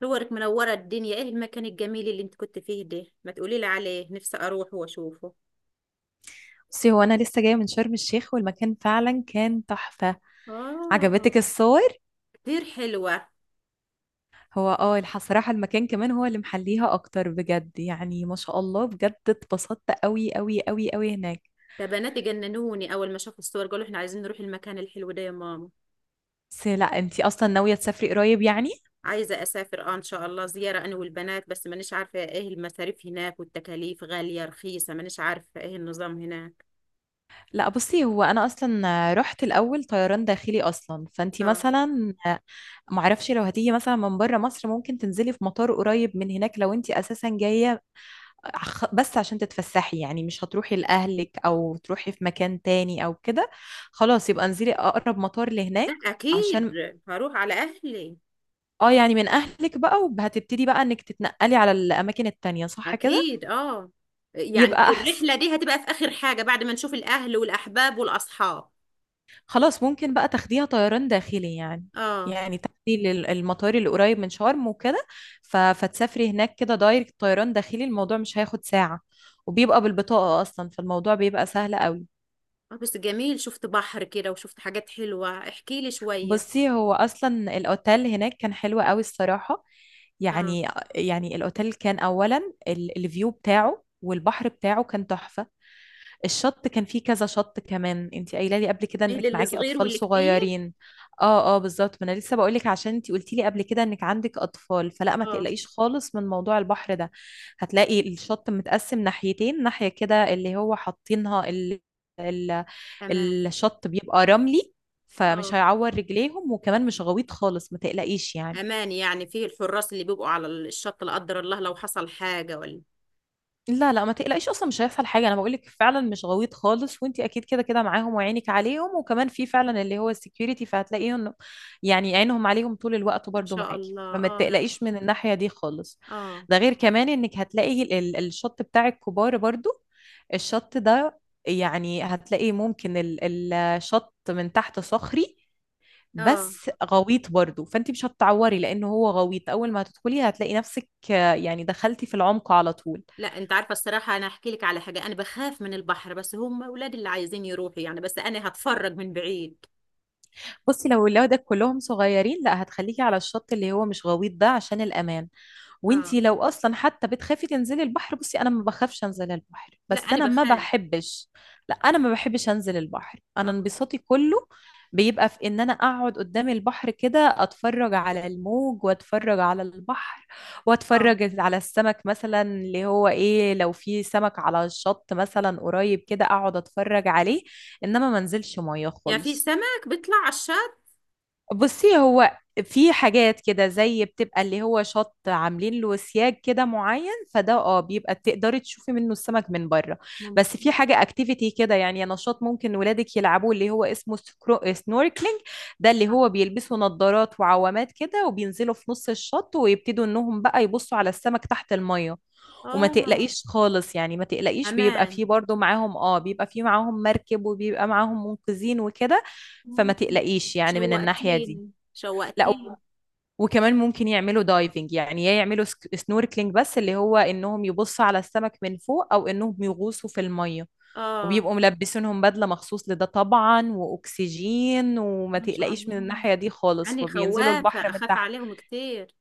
صورك منورة الدنيا، ايه المكان الجميل اللي انت كنت فيه ده؟ ما تقولي لي عليه، نفسي اروح واشوفه. بصي، هو انا لسه جايه من شرم الشيخ والمكان فعلا كان تحفه. عجبتك اه. الصور؟ كتير حلوة. هو اه صراحه المكان كمان هو اللي محليها اكتر بجد. يعني ما شاء الله، بجد اتبسطت قوي قوي قوي قوي هناك. ده بناتي جننوني اول ما شافوا الصور، قالوا احنا عايزين نروح المكان الحلو ده يا ماما. بس لا، انتي اصلا ناويه تسافري قريب يعني؟ عايزة اسافر اه ان شاء الله زيارة انا والبنات، بس مانيش عارفة ايه المصاريف هناك والتكاليف غالية رخيصة، مانيش عارفة ايه النظام هناك. لا بصي، هو انا اصلا رحت الاول طيران داخلي اصلا، فانتي اه. مثلا معرفش لو هتيجي مثلا من بره مصر ممكن تنزلي في مطار قريب من هناك. لو انتي اساسا جايه بس عشان تتفسحي، يعني مش هتروحي لأهلك أو تروحي في مكان تاني أو كده، خلاص يبقى انزلي أقرب مطار لا لهناك. اكيد. عشان هروح على اهلي. اه، يعني من أهلك بقى، وهتبتدي بقى إنك تتنقلي على الأماكن التانية، صح كده؟ اكيد اه. يعني يبقى أحسن. الرحلة دي هتبقى في اخر حاجة بعد ما نشوف الاهل والاحباب والاصحاب. خلاص، ممكن بقى تاخديها طيران داخلي يعني. اه. يعني تاخدي المطار اللي قريب من شرم وكده. فتسافري هناك كده دايركت، طيران داخلي الموضوع مش هياخد ساعة، وبيبقى بالبطاقة أصلا، فالموضوع بيبقى سهل قوي. آه، بس جميل شفت بحر كده وشفت حاجات حلوة، احكي لي شوية. بصي، هو اصلا الاوتيل هناك كان حلو قوي الصراحه، اه. يعني. يعني الاوتيل كان اولا الفيو بتاعه والبحر بتاعه كان تحفه. الشط كان فيه كذا شط. كمان انت قايله لي قبل كده فيه انك للي معاكي صغير اطفال واللي كبير. صغيرين. اه اه بالظبط، ما انا لسه بقول لك، عشان انت قلتي لي قبل كده انك عندك اطفال، فلا ما اه. تقلقيش خالص من موضوع البحر ده. هتلاقي الشط متقسم ناحيتين، ناحيه كده اللي هو حاطينها ال... امان. الشط بيبقى رملي، فمش اه. هيعور رجليهم، وكمان مش غويط خالص، ما تقلقيش يعني. امان يعني، فيه الحراس اللي بيبقوا على الشط لا قدر الله لو حصل حاجة ولا؟ لا لا ما تقلقيش، اصلا مش هيحصل حاجه، انا بقول لك فعلا مش غويط خالص، وانت اكيد كده كده معاهم وعينك عليهم، وكمان في فعلا اللي هو السكيورتي فهتلاقيهم، يعني عينهم عليهم طول الوقت ما برضو شاء معاكي، الله فما اه تقلقيش من الناحيه دي خالص. اه ده غير كمان انك هتلاقي الشط بتاع الكبار برضو. الشط ده يعني هتلاقي ممكن الشط من تحت صخري، اه. بس غويط برضو، فانت مش هتتعوري لانه هو غويط. اول ما هتدخلي هتلاقي نفسك يعني دخلتي في العمق على طول. لا انت عارفة الصراحة، انا احكي لك على حاجة، انا بخاف من البحر بس هم اولادي اللي عايزين يروحوا، يعني بس انا هتفرج من بعيد. بصي لو ولادك كلهم صغيرين، لا هتخليكي على الشط اللي هو مش غويط ده عشان الأمان. اه. وانتي لو اصلا حتى بتخافي تنزلي البحر، بصي انا ما بخافش انزل البحر، لا بس انا انا ما بخاف. بحبش. لا انا ما بحبش انزل البحر، انا اه انبساطي كله بيبقى في ان انا اقعد قدام البحر كده، اتفرج على الموج واتفرج على البحر، اه. واتفرج على السمك مثلا، اللي هو ايه، لو في سمك على الشط مثلا قريب كده اقعد اتفرج عليه، انما ما انزلش ميه يعني في خالص. سمك بيطلع على الشط؟ بصي، هو في حاجات كده زي بتبقى اللي هو شط عاملين له سياج كده معين، فده اه بيبقى تقدري تشوفي منه السمك من بره. بس في ممكن. حاجة اكتيفيتي كده، يعني نشاط ممكن ولادك يلعبوه، اللي هو اسمه سنوركلينج. ده اللي اه. هو بيلبسوا نظارات وعوامات كده، وبينزلوا في نص الشط، ويبتدوا انهم بقى يبصوا على السمك تحت المية. وما آه، تقلقيش خالص، يعني ما تقلقيش، بيبقى امان. فيه برضو معاهم اه، بيبقى فيه معاهم مركب، وبيبقى معاهم منقذين وكده، فما مم. تقلقيش يعني من الناحية دي. شوقتيني لا شوقتيني. وكمان ممكن يعملوا دايفنج، يعني يا يعملوا سنوركلينج، بس اللي هو انهم يبصوا على السمك من فوق، او انهم يغوصوا في الميه، اه. وبيبقوا ملبسينهم بدله مخصوص لده طبعا، واكسجين، وما ما شاء تقلقيش من الله. الناحيه دي خالص، يعني وبينزلوا خوافة، البحر من أخاف تحت. عليهم كتير.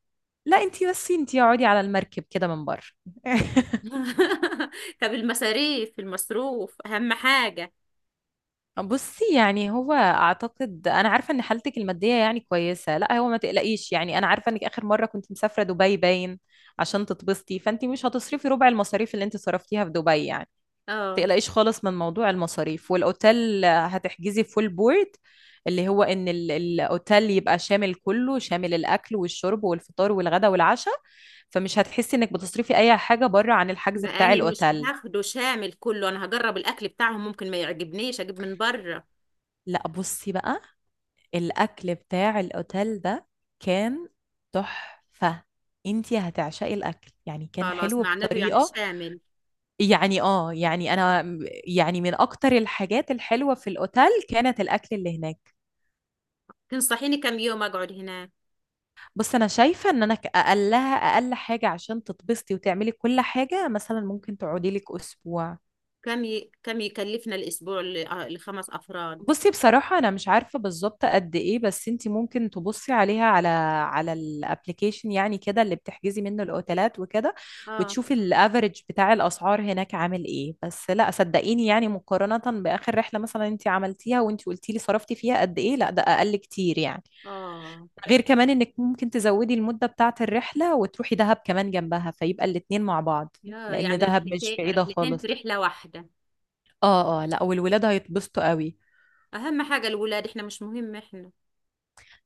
لا انتي، بس انتي اقعدي على المركب كده من بره. طب المصاريف المصروف أهم حاجة. بصي، يعني هو اعتقد انا عارفه ان حالتك الماديه يعني كويسه، لا هو ما تقلقيش يعني، انا عارفه انك اخر مره كنت مسافره دبي باين عشان تتبسطي، فانت مش هتصرفي ربع المصاريف اللي انت صرفتيها في دبي يعني. ما اه. تقلقيش خالص من موضوع المصاريف، والاوتيل هتحجزي فول بورد، اللي هو ان الاوتيل يبقى شامل، كله شامل، الاكل والشرب والفطار والغدا والعشاء، فمش هتحسي انك بتصرفي اي حاجه بره عن الحجز ما بتاع أنا مش الاوتيل. هاخده شامل كله، أنا هجرب الأكل بتاعهم ممكن ما يعجبنيش، أجيب من بره. لا بصي بقى، الأكل بتاع الأوتيل ده كان تحفة، انتي هتعشقي الأكل، يعني كان خلاص، حلو معناته يعني بطريقة، شامل. يعني اه، يعني أنا، يعني من أكتر الحاجات الحلوة في الأوتيل كانت الأكل اللي هناك. تنصحيني كم يوم أقعد هناك؟ بص أنا شايفة إن أنا أقلها أقل حاجة عشان تتبسطي وتعملي كل حاجة، مثلا ممكن تقعدي لك أسبوع. كم يكلفنا الأسبوع آه، ل5 أفراد؟ بصي بصراحة أنا مش عارفة بالظبط قد إيه، بس أنتي ممكن تبصي عليها، على الابليكيشن يعني كده اللي بتحجزي منه الأوتيلات وكده، اه وتشوفي الأفريج بتاع الأسعار هناك عامل إيه. بس لا صدقيني، يعني مقارنة بآخر رحلة مثلا أنتي عملتيها وأنتي قلتي لي صرفتي فيها قد إيه، لا ده أقل كتير يعني. اه. غير كمان إنك ممكن تزودي المدة بتاعة الرحلة وتروحي دهب كمان جنبها، فيبقى الاتنين مع بعض، يا لأن يعني دهب مش رحلتين بعيدة رحلتين في خالص. رحلة واحدة. آه آه، لا والولاد هيتبسطوا قوي. اهم حاجه الولاد، احنا مش مهم احنا.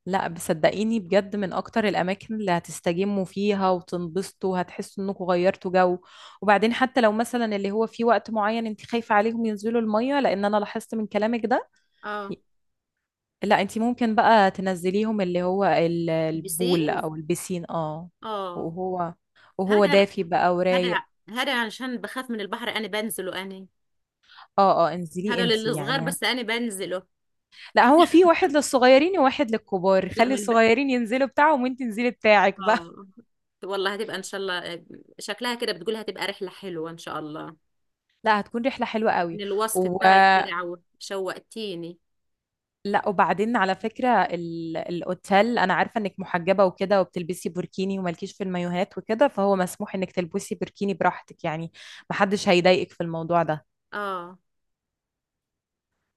لا بصدقيني بجد، من اكتر الاماكن اللي هتستجموا فيها وتنبسطوا، هتحسوا انكم غيرتوا جو. وبعدين حتى لو مثلا اللي هو في وقت معين انت خايفة عليهم ينزلوا المية، لان انا لاحظت من كلامك ده، اه. لا انت ممكن بقى تنزليهم اللي هو البول البسين. او البسين اه. اه. وهو وهو هذا دافي بقى هذا ورايق. هذا عشان بخاف من البحر انا بنزله انا. اه اه انزليه هذا انت للصغار يعني. بس انا بنزله. لا هو في واحد للصغيرين وواحد للكبار، لا خلي من ب... الصغيرين ينزلوا بتاعهم وانت انزلي بتاعك بقى. اه. والله هتبقى ان شاء الله. شكلها كده بتقولها هتبقى رحله حلوه ان شاء الله. لا هتكون رحلة حلوة من قوي. الوصف و... بتاعك كده عو شوقتيني. لا وبعدين على فكرة الأوتيل، أنا عارفة إنك محجبة وكده وبتلبسي بوركيني ومالكيش في المايوهات وكده، فهو مسموح إنك تلبسي بوركيني براحتك يعني، محدش هيضايقك في الموضوع ده. اه.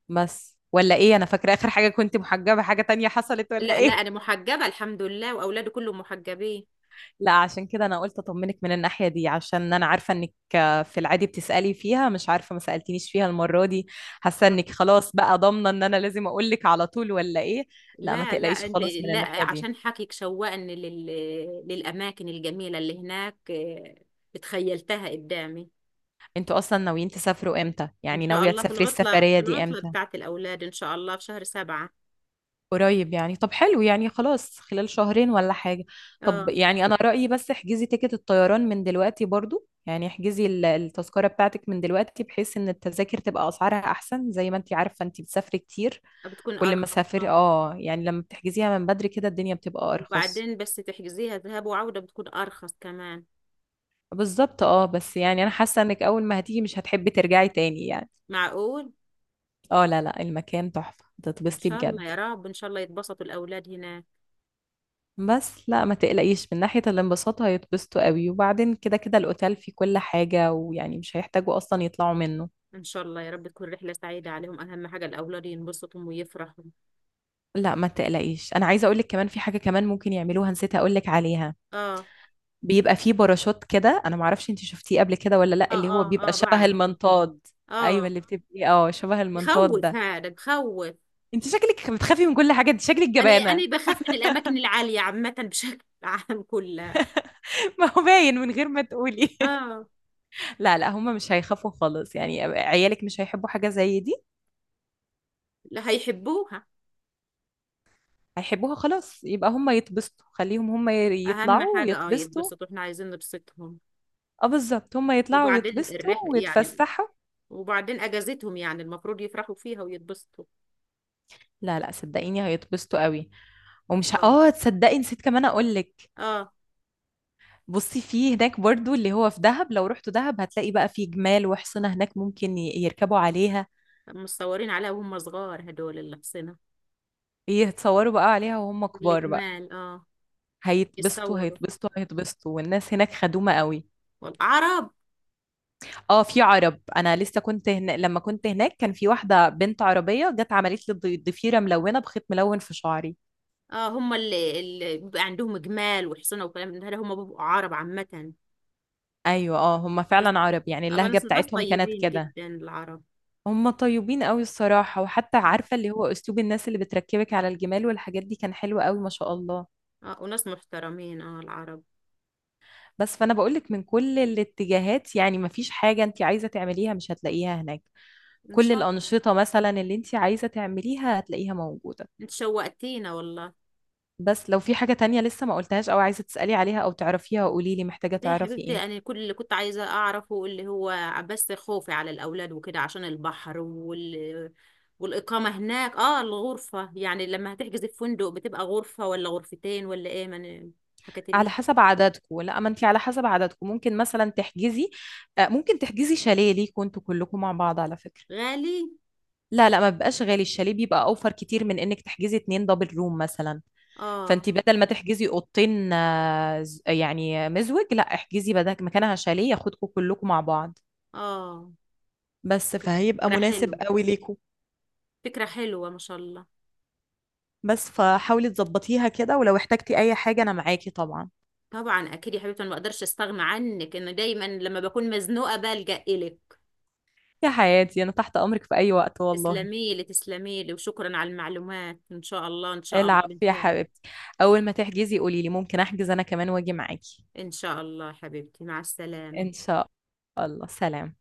بس ولا إيه، أنا فاكرة آخر حاجة كنت محجبة، حاجة تانية حصلت ولا لا لا انا إيه؟ محجبه الحمد لله واولادي كلهم محجبين. لا عشان كده أنا قلت أطمنك من الناحية دي، عشان أنا عارفة إنك في العادي بتسألي فيها، مش عارفة ما سألتنيش فيها المرة دي، حاسة إنك خلاص بقى ضامنة إن أنا لازم أقولك على طول ولا إيه؟ لا ما لا لا تقلقيش انت خالص من لا الناحية دي. عشان حكيك شوقني للاماكن الجميله اللي هناك. آه، اتخيلتها قدامي. انتوا اصلا ناويين تسافروا امتى ان يعني، شاء ناوية الله في تسافري العطله السفرية دي امتى؟ بتاعت الاولاد ان شاء الله في شهر سبعة. قريب يعني، طب حلو يعني، خلاص خلال شهرين ولا حاجة. طب اه. يعني انا رأيي، بس احجزي تيكت الطيران من دلوقتي برضو، يعني احجزي التذكرة بتاعتك من دلوقتي، بحيث ان التذاكر تبقى اسعارها احسن، زي ما انتي عارفة انتي بتسافري كتير. بتكون كل ما ارخص سافري اه. اه، يعني لما بتحجزيها من بدري كده الدنيا بتبقى ارخص. وبعدين بس تحجزيها ذهاب وعوده بتكون ارخص كمان. بالظبط اه، بس يعني انا حاسة انك اول ما هتيجي مش هتحبي ترجعي تاني يعني. معقول. اه لا لا، المكان تحفة ان هتتبسطي شاء الله بجد. يا رب، ان شاء الله يتبسطوا الاولاد هناك. بس لا ما تقلقيش من ناحية الانبساط، هيتبسطوا قوي، وبعدين كده كده الأوتيل فيه كل حاجة ويعني مش هيحتاجوا أصلا يطلعوا منه. ان شاء الله يا رب تكون رحله سعيده عليهم، اهم حاجه الاولاد ينبسطوا ويفرحوا. لا ما تقلقيش، أنا عايزة أقولك كمان في حاجة كمان ممكن يعملوها، نسيت أقولك عليها. اه بيبقى فيه باراشوت كده، أنا معرفش أنت شفتيه قبل كده ولا لا، اه اللي هو اه. بيبقى اه شبه بعرفه. المنطاد. أيوة اه. اللي بتبقي اه شبه المنطاد يخوف ده. هذا، بخوف. أنت شكلك بتخافي من كل حاجة، أنت شكلك انا جبانة. انا بخاف من الاماكن العاليه عامه. بشكل عام كلها. ما هو باين من غير ما تقولي. اه. لا لا هم مش هيخافوا خالص، يعني عيالك مش هيحبوا حاجة زي دي؟ لا هيحبوها. هيحبوها، خلاص يبقى هم يتبسطوا، خليهم هم اهم يطلعوا حاجه اه ويتبسطوا. يتبسطوا، احنا عايزين نبسطهم. اه بالظبط، هم يطلعوا وبعدين ويتبسطوا الرحله يعني، ويتفسحوا. وبعدين اجازتهم يعني المفروض يفرحوا فيها ويتبسطوا. لا لا صدقيني هيتبسطوا قوي. ومش ه- اه. اه تصدقي نسيت كمان اقول لك. اه. بصي في هناك برضو اللي هو في دهب، لو رحتوا دهب هتلاقي بقى في جمال وحصنة هناك ممكن يركبوا عليها، مصورين عليها وهم صغار هدول اللي حصنا. يتصوروا بقى عليها وهم كبار بقى. والجمال اه. هيتبسطوا يتصوروا. هيتبسطوا هيتبسطوا، والناس هناك خدومة قوي. والعرب. اه في عرب، انا لسه كنت هنا لما كنت هناك كان في واحده بنت عربيه جت عملت لي ضفيره ملونه بخيط ملون في شعري. اه هم اللي بيبقى عندهم جمال وحصنة وكلام من ده هم بيبقوا عرب عامة. ايوه اه، هم بس فعلا عرب، يعني أبقى اللهجه ناس بتاعتهم كانت طيبين كده. جدا العرب. هم طيبين قوي الصراحه، وحتى عارفه اللي هو اسلوب الناس اللي بتركبك على الجمال والحاجات دي كان حلو قوي ما شاء الله. اه وناس محترمين اه العرب. بس فانا بقولك من كل الاتجاهات، يعني ما فيش حاجه انت عايزه تعمليها مش هتلاقيها هناك، ان كل شاء الله. الانشطه مثلا اللي انت عايزه تعمليها هتلاقيها موجوده. انت شوقتينا والله. بس لو في حاجة تانية لسه ما قلتهاش او عايزة تسألي عليها او تعرفيها، قولي لي، محتاجة ليه يا تعرفي حبيبتي، ايه؟ انا كل اللي كنت عايزه اعرفه اللي هو بس خوفي على الاولاد وكده عشان البحر والاقامه هناك. اه الغرفه يعني لما هتحجزي في فندق بتبقى غرفه ولا غرفتين ولا ايه، ما أنا حكت على لي. حسب عددكم، لا ما انت على حسب عددكم ممكن مثلا تحجزي ممكن تحجزي شاليه ليكوا انتوا كلكم مع بعض على فكرة. غالي. لا لا ما بيبقاش غالي، الشاليه بيبقى اوفر كتير من انك تحجزي اتنين دبل روم مثلا. اه فانت بدل ما تحجزي اوضتين يعني مزوج، لا احجزي بدل مكانها شاليه ياخدكم كلكم مع بعض. اه. بس فهيبقى فكره مناسب حلوه، قوي ليكوا. فكره حلوه ما شاء الله. بس فحاولي تظبطيها كده، ولو احتجتي اي حاجة انا معاكي طبعا. طبعا اكيد يا حبيبتي، انا ما اقدرش استغنى عنك، انه دايما لما بكون مزنوقه بلجأ الك. يا حياتي انا تحت امرك في اي وقت والله. تسلمي لي تسلمي لي وشكرا على المعلومات، ان شاء الله ان شاء الله العب يا بنساعد. حبيبتي، اول ما تحجزي قولي لي، ممكن احجز انا كمان واجي معاكي. ان شاء الله حبيبتي، مع السلامة. ان شاء الله، سلام.